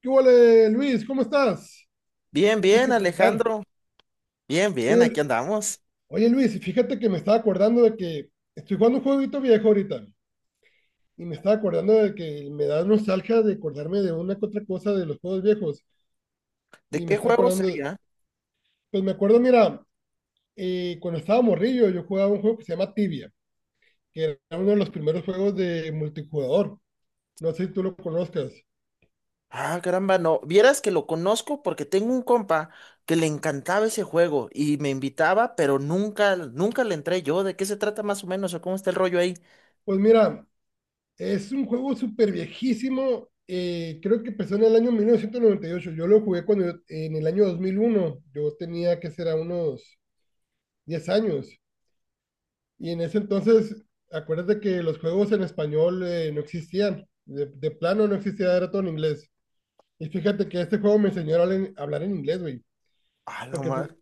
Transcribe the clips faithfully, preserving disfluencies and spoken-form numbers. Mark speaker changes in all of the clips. Speaker 1: ¿Qué huele, Luis? ¿Cómo estás?
Speaker 2: Bien,
Speaker 1: Tiempo
Speaker 2: bien,
Speaker 1: sin platicar.
Speaker 2: Alejandro. Bien,
Speaker 1: Oye,
Speaker 2: bien, aquí
Speaker 1: el-
Speaker 2: andamos.
Speaker 1: oye, Luis, fíjate que me estaba acordando de que estoy jugando un jueguito viejo ahorita, y me estaba acordando de que me da nostalgia de acordarme de una que otra cosa de los juegos viejos
Speaker 2: ¿De
Speaker 1: y me
Speaker 2: qué
Speaker 1: estaba
Speaker 2: juego
Speaker 1: acordando, de-
Speaker 2: sería?
Speaker 1: Pues me acuerdo, mira, eh, cuando estaba morrillo yo jugaba un juego que se llama Tibia, que era uno de los primeros juegos de multijugador. No sé si tú lo conozcas.
Speaker 2: Ah, caramba, no. Vieras que lo conozco porque tengo un compa que le encantaba ese juego y me invitaba, pero nunca, nunca le entré yo. ¿De qué se trata más o menos o cómo está el rollo ahí?
Speaker 1: Pues mira, es un juego súper viejísimo. Eh, creo que empezó en el año mil novecientos noventa y ocho. Yo lo jugué cuando yo- en el año dos mil uno. Yo tenía que ser a unos diez años. Y en ese entonces, acuérdate que los juegos en español eh, no existían. De, de plano no existía, era todo en inglés. Y fíjate que este juego me enseñó a hablar en, a hablar en inglés, güey.
Speaker 2: A la
Speaker 1: Porque
Speaker 2: madre.
Speaker 1: tú,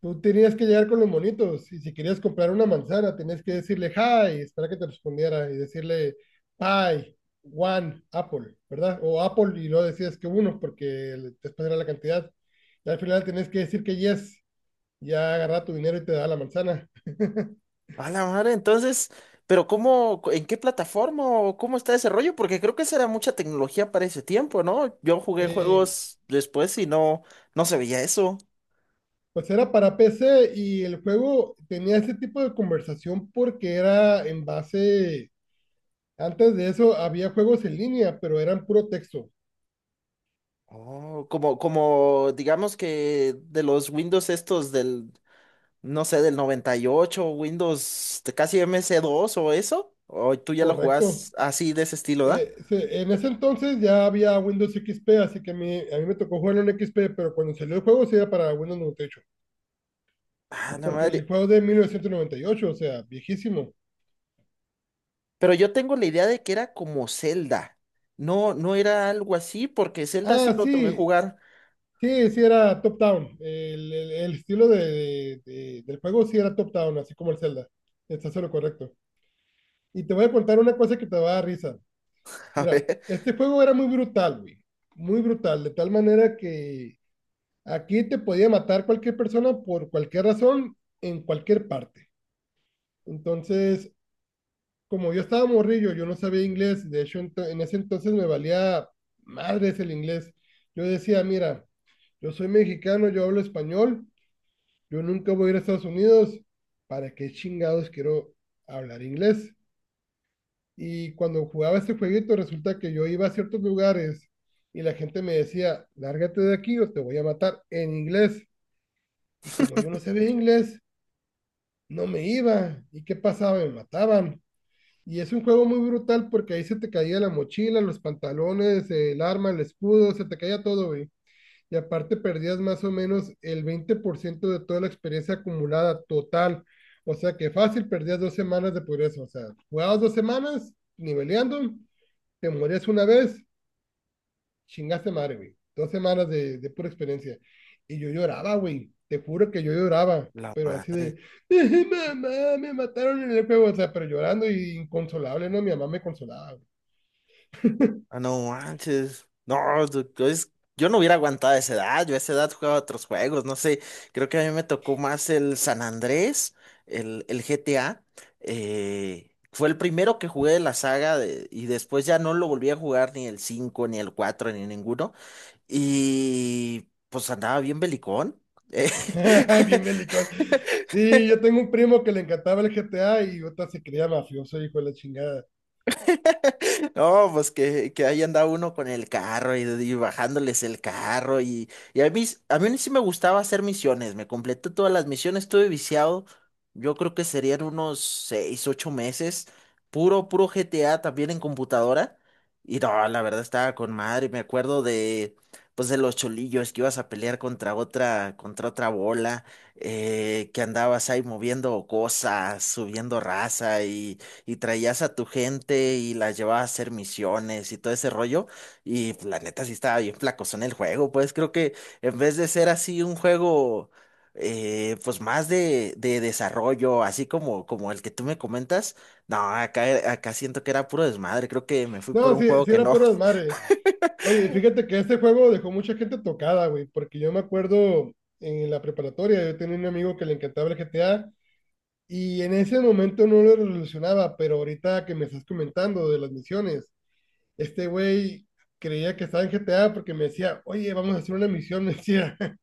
Speaker 1: tú tenías que llegar con los monitos, y si querías comprar una manzana tenías que decirle hi, esperar que te respondiera y decirle pie, one, apple, ¿verdad? O apple, y luego decías que uno porque el- después era la cantidad. Y al final tenías que decir que yes, ya agarra tu dinero y te da la manzana.
Speaker 2: A la madre, entonces, pero ¿cómo, en qué plataforma o cómo está ese rollo? Porque creo que será mucha tecnología para ese tiempo, ¿no? Yo jugué
Speaker 1: Eh,
Speaker 2: juegos después y no, no se veía eso.
Speaker 1: pues era para P C, y el juego tenía ese tipo de conversación porque era en base, antes de eso había juegos en línea, pero eran puro texto,
Speaker 2: Oh, como, como digamos que de los Windows estos del, no sé, del noventa y ocho Windows de casi M C dos o eso, o tú ya lo
Speaker 1: correcto.
Speaker 2: jugás así de ese estilo, ¿da?
Speaker 1: Eh, se- en ese entonces ya había Windows equis pe, así que a mí, a mí me tocó jugarlo en equis pe, pero cuando salió el juego sí era para Windows noventa y ocho,
Speaker 2: Ah, la
Speaker 1: porque el
Speaker 2: madre.
Speaker 1: juego es de mil novecientos noventa y ocho, o sea, viejísimo.
Speaker 2: Pero yo tengo la idea de que era como Zelda. No, no era algo así, porque Zelda sí
Speaker 1: Ah,
Speaker 2: lo logré
Speaker 1: sí,
Speaker 2: jugar.
Speaker 1: sí, sí era top-down. El, el- el estilo de, de- del juego sí era top-down, así como el Zelda. Estás en lo correcto. Y te voy a contar una cosa que te va a dar risa.
Speaker 2: A
Speaker 1: Mira,
Speaker 2: ver.
Speaker 1: este juego era muy brutal, güey. Muy brutal, de tal manera que aquí te podía matar cualquier persona por cualquier razón, en cualquier parte. Entonces, como yo estaba morrillo, yo no sabía inglés, de hecho ento- en ese entonces me valía madres el inglés. Yo decía, mira, yo soy mexicano, yo hablo español, yo nunca voy a ir a Estados Unidos, ¿para qué chingados quiero hablar inglés? Y cuando jugaba este jueguito, resulta que yo iba a ciertos lugares y la gente me decía, lárgate de aquí o te voy a matar, en inglés. Y como yo no sabía inglés, no me iba. ¿Y qué pasaba? Me mataban. Y es un juego muy brutal porque ahí se te caía la mochila, los pantalones, el arma, el escudo, se te caía todo, güey. Y aparte perdías más o menos el veinte por ciento de toda la experiencia acumulada total. O sea que fácil, perdías dos semanas de progreso. O sea, jugabas dos semanas niveleando, te morías una vez, chingaste madre, güey. Dos semanas de, de pura experiencia. Y yo lloraba, güey. Te juro que yo lloraba.
Speaker 2: La
Speaker 1: Pero así
Speaker 2: madre.
Speaker 1: de, "Eh, mamá, me mataron en el juego". O sea, pero llorando y inconsolable, ¿no? Mi mamá me consolaba, güey.
Speaker 2: Ah, no manches. No, du- es- yo no hubiera aguantado a esa edad. Yo a esa edad jugaba otros juegos. No sé, creo que a mí me tocó más el San Andrés, el, el G T A. Eh, fue el primero que jugué de la saga de- Y después ya no lo volví a jugar ni el cinco ni el cuatro ni ninguno. Y pues andaba bien belicón.
Speaker 1: Bien melicón. Sí, yo tengo un primo que le encantaba el G T A y otra se creía mafioso, hijo de la chingada.
Speaker 2: No, pues que, que ahí andaba uno con el carro y, y bajándoles el carro y, y a mí, s- a mí sí me gustaba hacer misiones, me completé todas las misiones, estuve viciado, yo creo que serían unos seis, ocho meses, puro, puro G T A también en computadora y no, la verdad estaba con madre, me acuerdo de, pues de los cholillos que ibas a pelear contra otra, contra otra bola, eh, que andabas ahí moviendo cosas, subiendo raza y traías a tu gente y las llevabas a hacer misiones y todo ese rollo. Y pues, la neta sí estaba bien flacosón el juego, pues creo que en vez de ser así un juego eh, pues más de, de desarrollo, así como, como el que tú me comentas, no, acá, acá siento que era puro desmadre, creo que me fui por
Speaker 1: No,
Speaker 2: un
Speaker 1: sí,
Speaker 2: juego
Speaker 1: sí
Speaker 2: que
Speaker 1: era
Speaker 2: no.
Speaker 1: pura desmadre. Oye, fíjate que este juego dejó mucha gente tocada, güey, porque yo me acuerdo en la preparatoria, yo tenía un amigo que le encantaba el G T A. Y en ese momento no lo relacionaba, pero ahorita que me estás comentando de las misiones, este güey creía que estaba en G T A, porque me decía, oye, vamos a hacer una misión, me decía,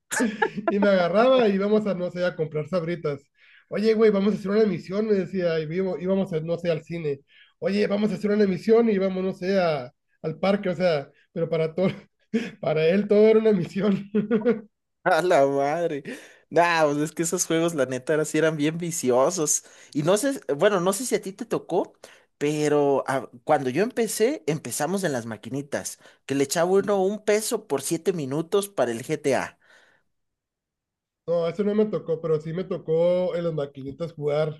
Speaker 1: y me agarraba y íbamos a, no sé, a comprar sabritas. Oye, güey, vamos a hacer una misión, me decía, y vivo- íbamos a, no sé, al cine. Oye, vamos a hacer una misión, y íbamos, no sé, a- al parque, o sea, pero para todo, para él todo era una misión.
Speaker 2: A la madre. Nah, pues es que esos juegos, la neta, ahora sí eran bien viciosos. Y no sé, bueno, no sé si a ti te tocó, pero ah, cuando yo empecé, empezamos en las maquinitas, que le echaba uno un peso por siete minutos para el G T A.
Speaker 1: No, eso no me tocó, pero sí me tocó en las maquinitas jugar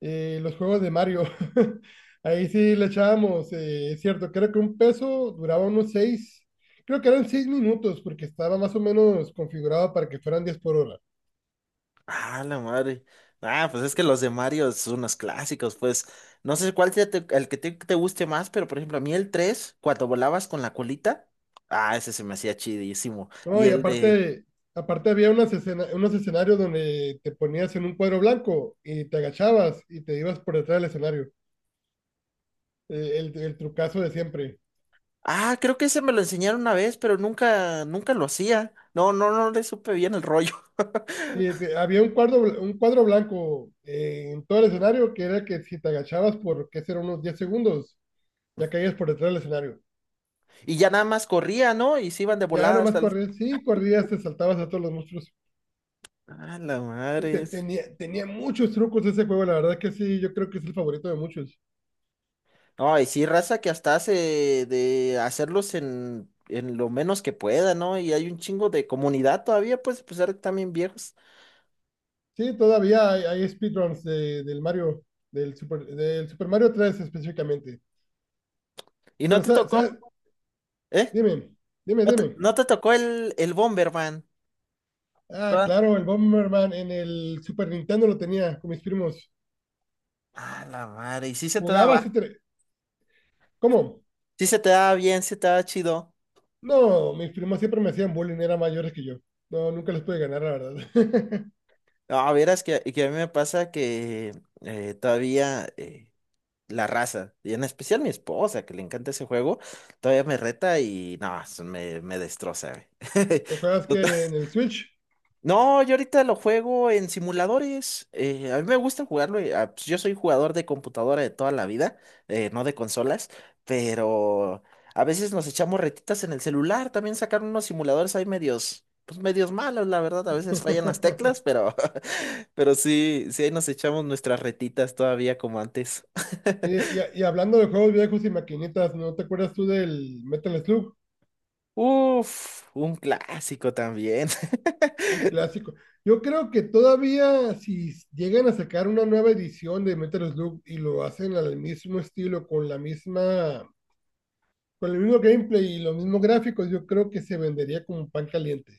Speaker 1: Eh, los juegos de Mario. Ahí sí le echábamos, eh, es cierto, creo que un peso duraba unos seis, creo que eran seis minutos, porque estaba más o menos configurado para que fueran diez por hora.
Speaker 2: Ah, la madre. Ah, pues es que los de Mario son unos clásicos, pues. No sé cuál sea te- El que te, te guste más, pero por ejemplo, a mí el tres cuando volabas con la colita, ah, ese se me hacía chidísimo.
Speaker 1: No,
Speaker 2: Y
Speaker 1: y
Speaker 2: el de
Speaker 1: aparte, aparte había unas escena- unos escenarios donde te ponías en un cuadro blanco y te agachabas y te ibas por detrás del escenario. Eh, el, el trucazo de siempre.
Speaker 2: Ah, creo que ese me lo enseñaron una vez, pero nunca, nunca lo hacía. No, no, no le supe bien el rollo.
Speaker 1: Y te- había un cuadro, bl- un cuadro blanco eh, en todo el escenario, que era que si te agachabas por, qué será, unos diez segundos, ya caías por detrás del escenario.
Speaker 2: Y ya nada más corría, ¿no? Y se iban de
Speaker 1: Ya
Speaker 2: volada
Speaker 1: nomás
Speaker 2: hasta el...
Speaker 1: corrías, sí, corrías, te saltabas a todos los monstruos.
Speaker 2: Ah, la
Speaker 1: Te-
Speaker 2: madre.
Speaker 1: te-
Speaker 2: es-
Speaker 1: tenía, tenía muchos trucos ese juego, la verdad que sí, yo creo que es el favorito de muchos.
Speaker 2: No, y sí, raza que hasta hace de hacerlos en, en lo menos que pueda, ¿no? Y hay un chingo de comunidad todavía, pues, a pesar de que también viejos.
Speaker 1: Sí, todavía hay, hay speedruns de- del Mario, del Super, del Super Mario tres específicamente.
Speaker 2: ¿Y no
Speaker 1: Pero,
Speaker 2: te
Speaker 1: sa-
Speaker 2: tocó,
Speaker 1: sa-
Speaker 2: eh?
Speaker 1: Dime, dime,
Speaker 2: ¿No te,
Speaker 1: dime.
Speaker 2: no te tocó el, el Bomberman?
Speaker 1: Ah,
Speaker 2: Toda-
Speaker 1: claro, el Bomberman en el Super Nintendo lo tenía con mis primos.
Speaker 2: Ah, la madre. Y sí se te daba.
Speaker 1: Jugabas así. tre- ¿Cómo?
Speaker 2: Sí se te daba bien, sí se te daba chido.
Speaker 1: No, mis primos siempre me hacían bullying, eran mayores que yo. No, nunca les pude ganar, la verdad.
Speaker 2: A ver, es que, que a mí me pasa que eh, todavía eh, la raza, y en especial mi esposa, que le encanta ese juego, todavía me reta y no, eso me, me destroza, güey.
Speaker 1: ¿Lo juegas que en
Speaker 2: Total-
Speaker 1: en el Switch?
Speaker 2: No, yo ahorita lo juego en simuladores. Eh, a mí me gusta jugarlo. Eh, ah, pues, yo soy jugador de computadora de toda la vida, eh, no de consolas, pero a veces nos echamos retitas en el celular. También sacaron unos simuladores ahí medios, pues medios malos, la verdad. A veces fallan las teclas, pero pero sí, sí, ahí nos echamos nuestras retitas todavía como antes.
Speaker 1: Oye, Y, y hablando de juegos viejos y maquinitas, ¿no te acuerdas tú del Metal Slug?
Speaker 2: Uf, un clásico también.
Speaker 1: Un clásico. Yo creo que todavía si llegan a sacar una nueva edición de Metal Slug y lo hacen al mismo estilo, con la misma, con el mismo gameplay y los mismos gráficos, yo creo que se vendería como un pan caliente.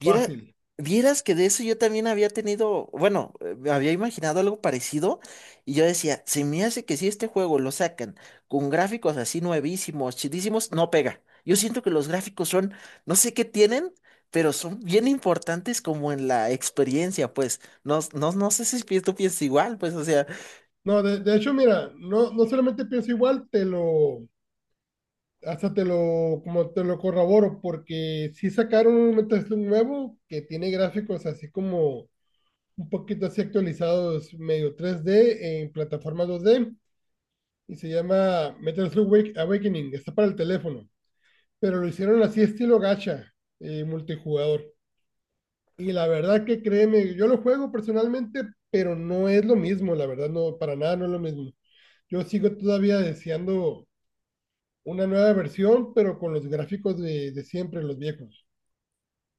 Speaker 2: Viera-
Speaker 1: Fácil.
Speaker 2: Vieras que de eso yo también había tenido, bueno, eh, me había imaginado algo parecido y yo decía, se me hace que si este juego lo sacan con gráficos así nuevísimos, chidísimos, no pega. Yo siento que los gráficos son, no sé qué tienen, pero son bien importantes como en la experiencia, pues. No, no, no sé si pi- tú piensas igual, pues, o sea.
Speaker 1: No, de, de hecho, mira, no, no solamente pienso igual, te lo, hasta te lo, como te lo corroboro, porque si sacaron un Metal Slug nuevo que tiene gráficos así como un poquito así actualizados, medio tres D en plataforma dos D, y se llama Metal Slug Awakening. Está para el teléfono, pero lo hicieron así estilo gacha, eh, multijugador. Y la verdad que créeme, yo lo juego personalmente, pero no es lo mismo, la verdad, no, para nada no es lo mismo. Yo sigo todavía deseando una nueva versión, pero con los gráficos de, de siempre, los viejos.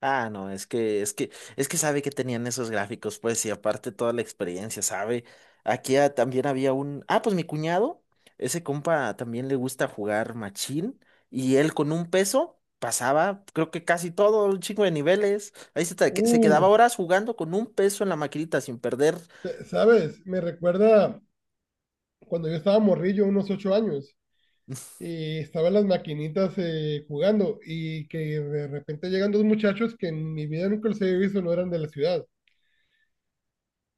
Speaker 2: Ah, no, es que, es que, es que sabe que tenían esos gráficos, pues, y aparte toda la experiencia, sabe. Aquí ah, también había un, ah, pues mi cuñado, ese compa también le gusta jugar machín, y él con un peso pasaba, creo que casi todo, un chingo de niveles. Ahí se, te- se quedaba
Speaker 1: Uh,
Speaker 2: horas jugando con un peso en la maquinita sin perder.
Speaker 1: te- ¿Sabes? Me recuerda cuando yo estaba morrillo, unos ocho años, y estaban las maquinitas eh, jugando, y que de repente llegan dos muchachos que en mi vida nunca los había visto, no eran de la ciudad,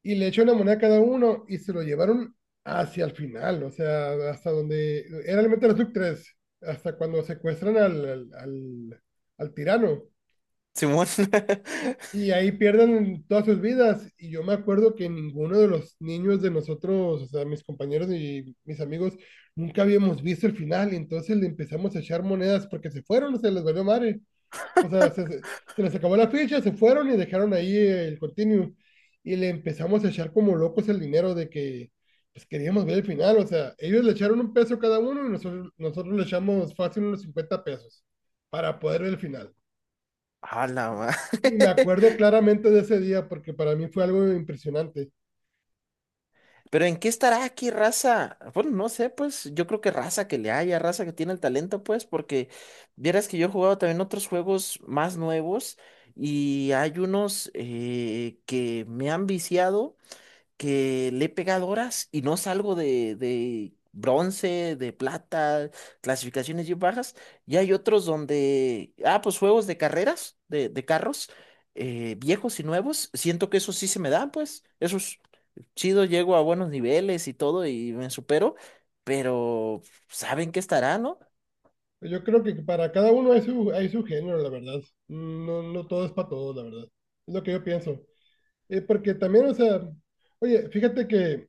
Speaker 1: y le echan una moneda a cada uno y se lo llevaron hacia el final, o sea, hasta donde era el Metal Slug tres, hasta cuando secuestran al, al, al, al tirano.
Speaker 2: Simón.
Speaker 1: Y ahí pierden todas sus vidas. Y yo me acuerdo que ninguno de los niños de nosotros, o sea, mis compañeros y mis amigos, nunca habíamos visto el final. Y entonces le empezamos a echar monedas porque se fueron, o sea les valió madre. O sea, se, se- se les acabó la ficha, se fueron y dejaron ahí el continuo. Y le empezamos a echar como locos el dinero, de que pues queríamos ver el final. O sea, ellos le echaron un peso cada uno, y nosotros, nosotros le echamos fácil unos cincuenta pesos para poder ver el final.
Speaker 2: A la
Speaker 1: Y me
Speaker 2: madre.
Speaker 1: acuerdo claramente de ese día porque para mí fue algo impresionante.
Speaker 2: Pero ¿en qué estará aquí raza? Bueno, no sé, pues yo creo que raza que le haya, raza que tiene el talento, pues, porque vieras que yo he jugado también otros juegos más nuevos y hay unos eh, que me han viciado, que le he pegado horas y no salgo de, de bronce, de plata, clasificaciones bien bajas. Y hay otros donde, ah, pues juegos de carreras, de, de carros, eh, viejos y nuevos, siento que eso sí se me dan, pues, esos chido, llego a buenos niveles y todo y me supero, pero saben que estará, ¿no?
Speaker 1: Yo creo que para cada uno hay su, hay su género, la verdad. No, no todo es para todos, la verdad. Es lo que yo pienso. Eh, porque también, o sea, oye, fíjate que,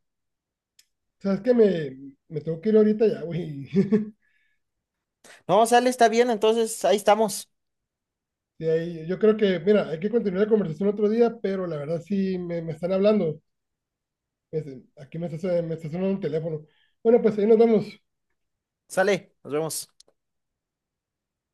Speaker 1: ¿sabes que Me, me tengo que ir ahorita ya, güey.
Speaker 2: No, sale, está bien, entonces ahí estamos.
Speaker 1: De ahí, yo creo que, mira, hay que continuar la conversación otro día, pero la verdad sí me, me están hablando. Este, aquí me está, me está sonando un teléfono. Bueno, pues ahí nos vemos.
Speaker 2: Sale, nos vemos.